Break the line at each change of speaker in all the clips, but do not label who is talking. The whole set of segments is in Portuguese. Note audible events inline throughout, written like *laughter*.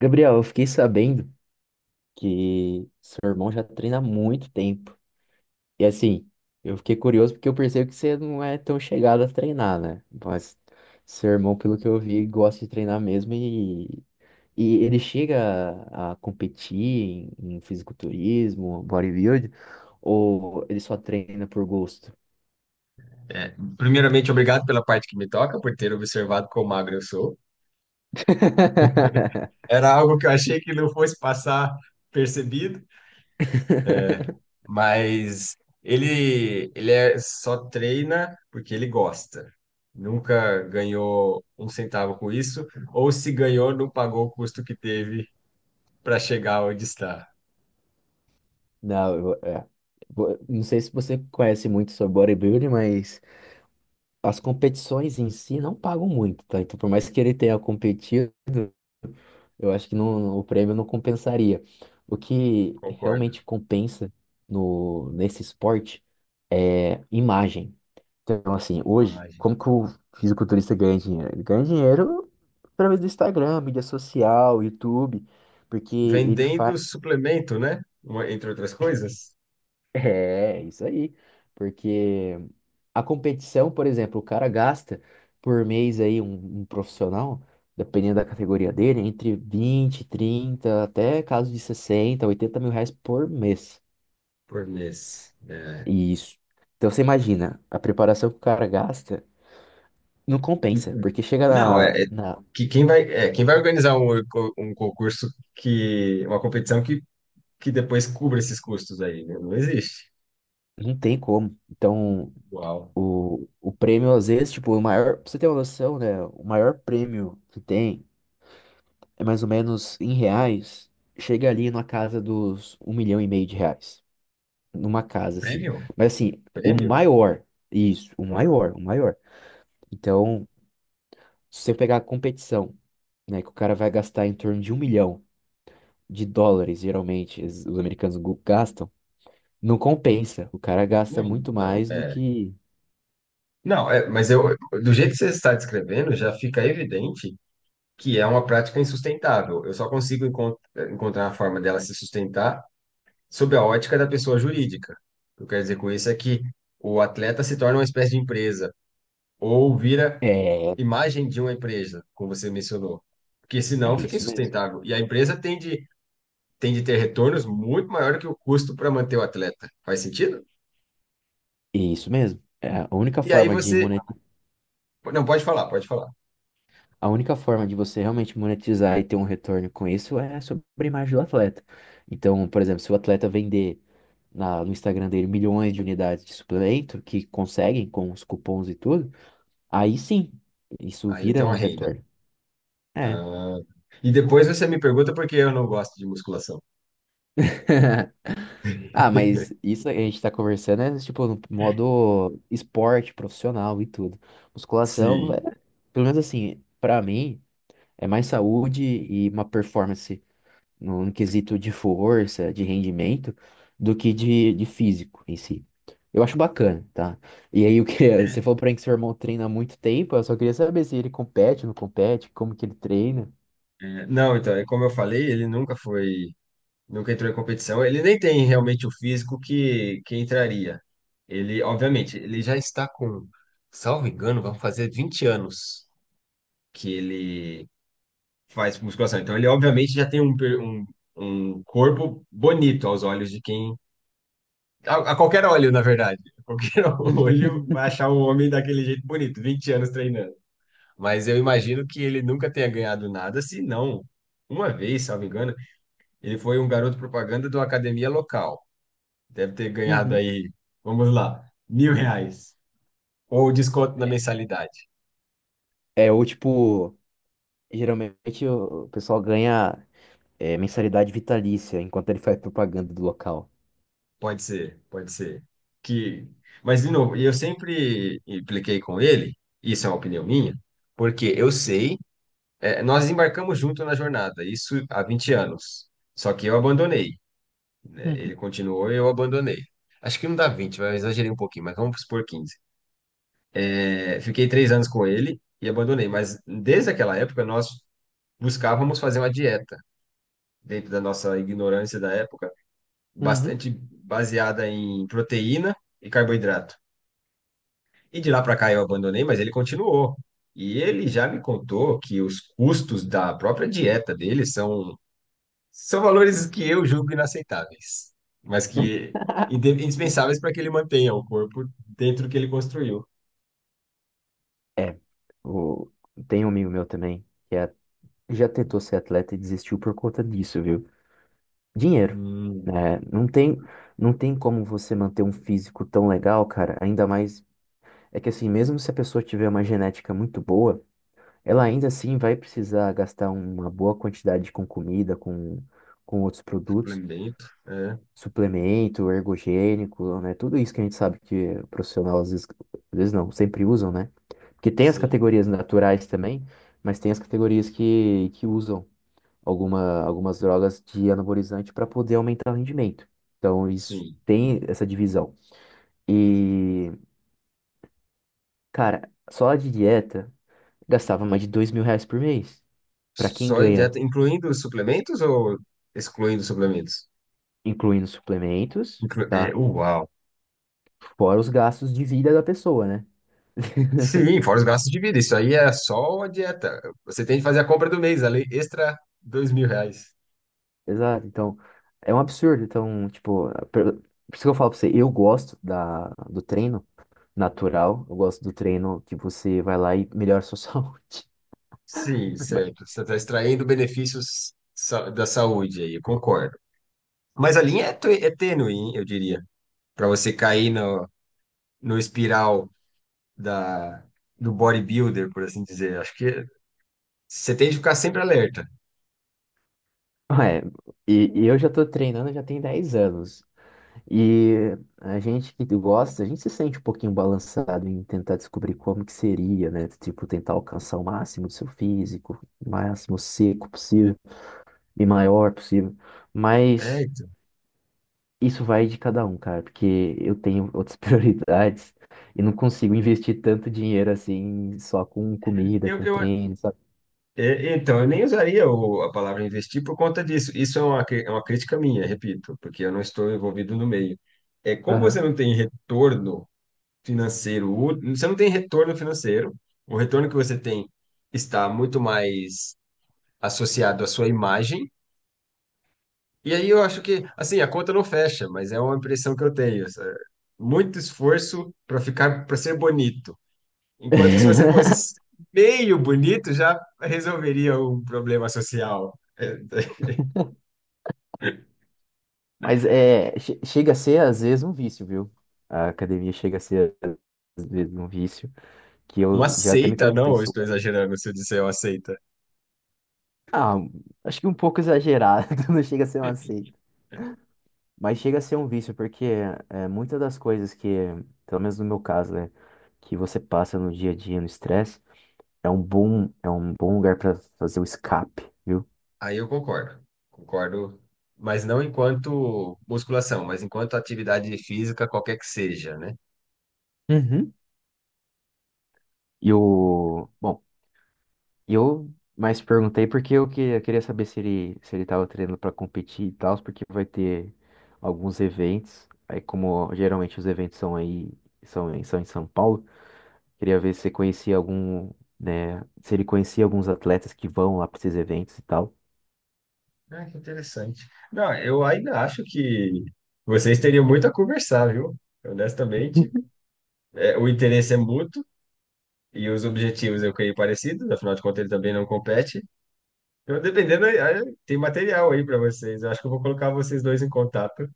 Gabriel, eu fiquei sabendo que seu irmão já treina há muito tempo. E assim, eu fiquei curioso porque eu percebo que você não é tão chegado a treinar, né? Mas seu irmão, pelo que eu vi, gosta de treinar mesmo e ele chega a competir em fisiculturismo, bodybuilding, ou ele só treina por gosto?
É, primeiramente, obrigado pela parte que me toca, por ter observado quão magro eu sou. *laughs*
*laughs*
Era algo que eu achei que não fosse passar percebido, é, mas ele só treina porque ele gosta. Nunca ganhou um centavo com isso, ou se ganhou, não pagou o custo que teve para chegar onde está.
Não, é. Não sei se você conhece muito sobre bodybuilding, mas as competições em si não pagam muito, tá? Então, por mais que ele tenha competido, eu acho que não, o prêmio não compensaria. O que
Concordo.
realmente compensa no, nesse esporte é imagem. Então, assim, hoje,
Imagem.
como que o fisiculturista ganha dinheiro? Ele ganha dinheiro através do Instagram, mídia social, YouTube, porque ele faz.
Vendendo suplemento, né? Entre outras coisas,
É, isso aí. Porque a competição, por exemplo, o cara gasta por mês aí, um profissional, dependendo da categoria dele, entre 20, 30, até caso de 60, 80 mil reais por mês.
por mês. É.
Isso. Então você imagina, a preparação que o cara gasta não compensa, porque chega
Não, é que quem vai organizar um concurso uma competição que depois cubra esses custos aí, né? Não existe.
não tem como. Então,
Uau.
o prêmio, às vezes, tipo, o maior. Pra você ter uma noção, né? O maior prêmio que tem é mais ou menos em reais, chega ali na casa dos 1,5 milhão de reais. Numa casa, assim.
Prêmio?
Mas assim, o
Prêmio?
maior, isso, o
Ah,
maior, o maior. Então, se você pegar a competição, né, que o cara vai gastar em torno de 1 milhão de dólares, geralmente, os americanos gastam, não compensa. O cara gasta
não,
muito
não,
mais do
é.
que.
Não, mas eu, do jeito que você está descrevendo, já fica evidente que é uma prática insustentável. Eu só consigo encontrar a forma dela se sustentar sob a ótica da pessoa jurídica. O que eu quero dizer com isso é que o atleta se torna uma espécie de empresa ou vira
É,
imagem de uma empresa, como você mencionou. Porque senão
é
fica
isso mesmo.
insustentável. E a empresa tem de ter retornos muito maior que o custo para manter o atleta. Faz sentido?
É isso mesmo.
E aí você. Não, pode falar, pode falar.
A única forma de você realmente monetizar e ter um retorno com isso é sobre a imagem do atleta. Então, por exemplo, se o atleta vender no Instagram dele milhões de unidades de suplemento, que conseguem com os cupons e tudo, aí sim, isso
Aí ele tem
vira
uma
um
renda.
retorno. É.
Ah, e depois você me pergunta por que eu não gosto de musculação.
*laughs* Ah,
*laughs*
mas isso a gente tá conversando é tipo no modo esporte profissional e tudo. Musculação, é,
Sim.
pelo menos assim, pra mim, é mais saúde e uma performance no quesito de força, de rendimento, do que de físico em si. Eu acho bacana, tá? E aí, o que *laughs* você falou pra mim que seu irmão treina há muito tempo, eu só queria saber se ele compete, não compete, como que ele treina.
É, não, então, é como eu falei, ele nunca foi. Nunca entrou em competição. Ele nem tem realmente o físico que entraria. Ele, obviamente, ele já está com, salvo engano, vão fazer 20 anos que ele faz musculação. Então, ele obviamente já tem um corpo bonito aos olhos de quem. A qualquer olho, na verdade. *laughs* Qualquer olho vai
*laughs*
achar um homem daquele jeito bonito, 20 anos treinando. Mas eu imagino que ele nunca tenha ganhado nada, se não. Uma vez, salvo engano, ele foi um garoto propaganda de uma academia local. Deve ter ganhado
Uhum.
aí, vamos lá, R$ 1.000. Ou desconto na mensalidade.
É, ou tipo, geralmente o pessoal ganha mensalidade vitalícia enquanto ele faz propaganda do local.
Pode ser, pode ser. Que... Mas, de novo, eu sempre impliquei com ele, isso é uma opinião minha, porque eu sei, nós embarcamos junto na jornada, isso há 20 anos. Só que eu abandonei, né? Ele
Uhum.
continuou e eu abandonei. Acho que não dá 20, mas eu exagerei um pouquinho, mas vamos supor 15. Fiquei 3 anos com ele e abandonei, mas desde aquela época nós buscávamos fazer uma dieta dentro da nossa ignorância da época,
Uhum.
bastante baseada em proteína e carboidrato. E de lá para cá eu abandonei, mas ele continuou. E ele já me contou que os custos da própria dieta dele são valores que eu julgo inaceitáveis, mas que
*laughs*
indispensáveis para que ele mantenha o corpo dentro do que ele construiu.
É, o... tem um amigo meu também já tentou ser atleta e desistiu por conta disso, viu? Dinheiro,
Hum,
né? Não tem como você manter um físico tão legal, cara. Ainda mais é que assim, mesmo se a pessoa tiver uma genética muito boa, ela ainda assim vai precisar gastar uma boa quantidade com comida, com outros produtos,
suplemento,
suplemento, ergogênico, né? Tudo isso que a gente sabe que o profissional às vezes não, sempre usam, né? Porque tem as
sim,
categorias naturais também, mas tem as categorias que usam algumas drogas de anabolizante para poder aumentar o rendimento. Então, isso
sim.
tem essa divisão. E, cara, só a de dieta gastava mais de 2 mil reais por mês. Para quem
Só em
ganha,
dieta, incluindo os suplementos ou excluindo os suplementos?
incluindo suplementos,
Inclu é,
tá?
uau!
Fora os gastos de vida da pessoa, né? *laughs*
Sim, fora os gastos de vida. Isso aí é só a dieta. Você tem que fazer a compra do mês, além extra R$ 2.000.
Exato. Então, é um absurdo. Então, tipo, por isso que eu falo pra você, eu gosto do treino natural, eu gosto do treino que você vai lá e melhora a sua *laughs* saúde.
Sim, certo. Você está extraindo benefícios da saúde aí, eu concordo. Mas a linha é tênue, hein, eu diria, para você cair no, espiral da, do bodybuilder, por assim dizer. Acho que você tem que ficar sempre alerta.
Ah, É, e eu já tô treinando já tem 10 anos. E a gente que gosta, a gente se sente um pouquinho balançado em tentar descobrir como que seria, né? Tipo, tentar alcançar o máximo do seu físico, o máximo seco possível e maior possível.
É,
Mas
então.
isso vai de cada um, cara, porque eu tenho outras *laughs* prioridades e não consigo investir tanto dinheiro assim só com comida,
Eu,
com
eu
treino, sabe?
Então, eu nem usaria a palavra investir por conta disso. Isso é uma crítica minha, repito, porque eu não estou envolvido no meio. É, como você
Aham.
não tem retorno financeiro, você não tem retorno financeiro, o retorno que você tem está muito mais associado à sua imagem. E aí eu acho que, assim, a conta não fecha, mas é uma impressão que eu tenho. Muito esforço para ficar, para ser bonito. Enquanto que se você
*laughs*
fosse meio bonito, já resolveria um problema social. É, *laughs*
Mas chega a ser, às vezes, um vício, viu? A academia chega a ser, às vezes, um vício, que eu
uma
já até me
seita,
perguntei
não? Eu
se eu.
estou exagerando se eu disser uma seita.
Ah, acho que um pouco exagerado, *laughs* não chega a ser uma seita. Mas chega a ser um vício, porque muitas das coisas que, pelo menos no meu caso, né, que você passa no dia a dia, no estresse, é um bom lugar para fazer o escape, viu?
Aí eu concordo. Concordo, mas não enquanto musculação, mas enquanto atividade física, qualquer que seja, né?
Uhum. Bom, e eu mais perguntei porque eu queria saber se ele tava treinando para competir e tal, porque vai ter alguns eventos. Aí como geralmente os eventos são em São Paulo, queria ver se você conhecia algum, né, se ele conhecia alguns atletas que vão lá para esses eventos e tal.
Ah, que interessante. Não, eu ainda acho que vocês teriam muito a conversar, viu? Honestamente, o interesse é mútuo e os objetivos eu creio parecidos, afinal de contas ele também não compete. Eu, dependendo, aí tem material aí para vocês. Eu acho que eu vou colocar vocês dois em contato,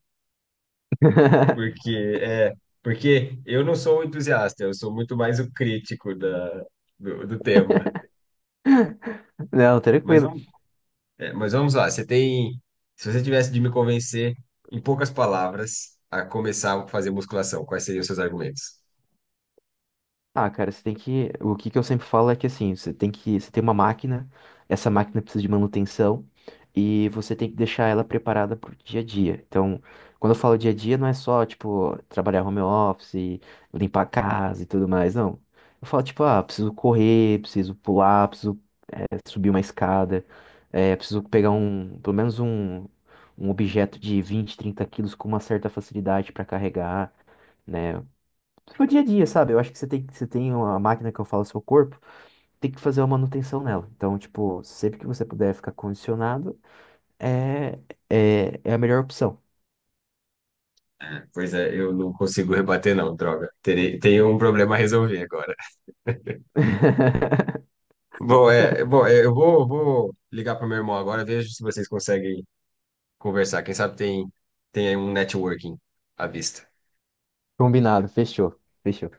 *laughs*
porque é, porque eu não sou o entusiasta, eu sou muito mais o crítico da, do tema.
Não,
Mas,
tranquilo.
vamos lá, você tem, se você tivesse de me convencer em poucas palavras a começar a fazer musculação, quais seriam os seus argumentos?
Ah, cara, você tem que. O que que eu sempre falo é que assim, você tem que. Você tem uma máquina, essa máquina precisa de manutenção e você tem que deixar ela preparada pro dia a dia. Então, quando eu falo dia a dia, não é só, tipo, trabalhar home office, limpar a casa e tudo mais, não. Eu falo, tipo, ah, preciso correr, preciso pular, preciso subir uma escada, preciso pegar um, pelo menos um, objeto de 20, 30 quilos com uma certa facilidade para carregar, né? Pro dia a dia, sabe? Eu acho que você tem uma máquina que eu falo seu corpo, tem que fazer uma manutenção nela. Então, tipo, sempre que você puder ficar condicionado, é, é a melhor opção.
Pois é, eu não consigo rebater não, droga. Tenho um problema a resolver agora.
*laughs*
Bom, eu vou ligar para meu irmão agora, vejo se vocês conseguem conversar. Quem sabe tem aí um networking à vista.
Combinado, fechou, fechou.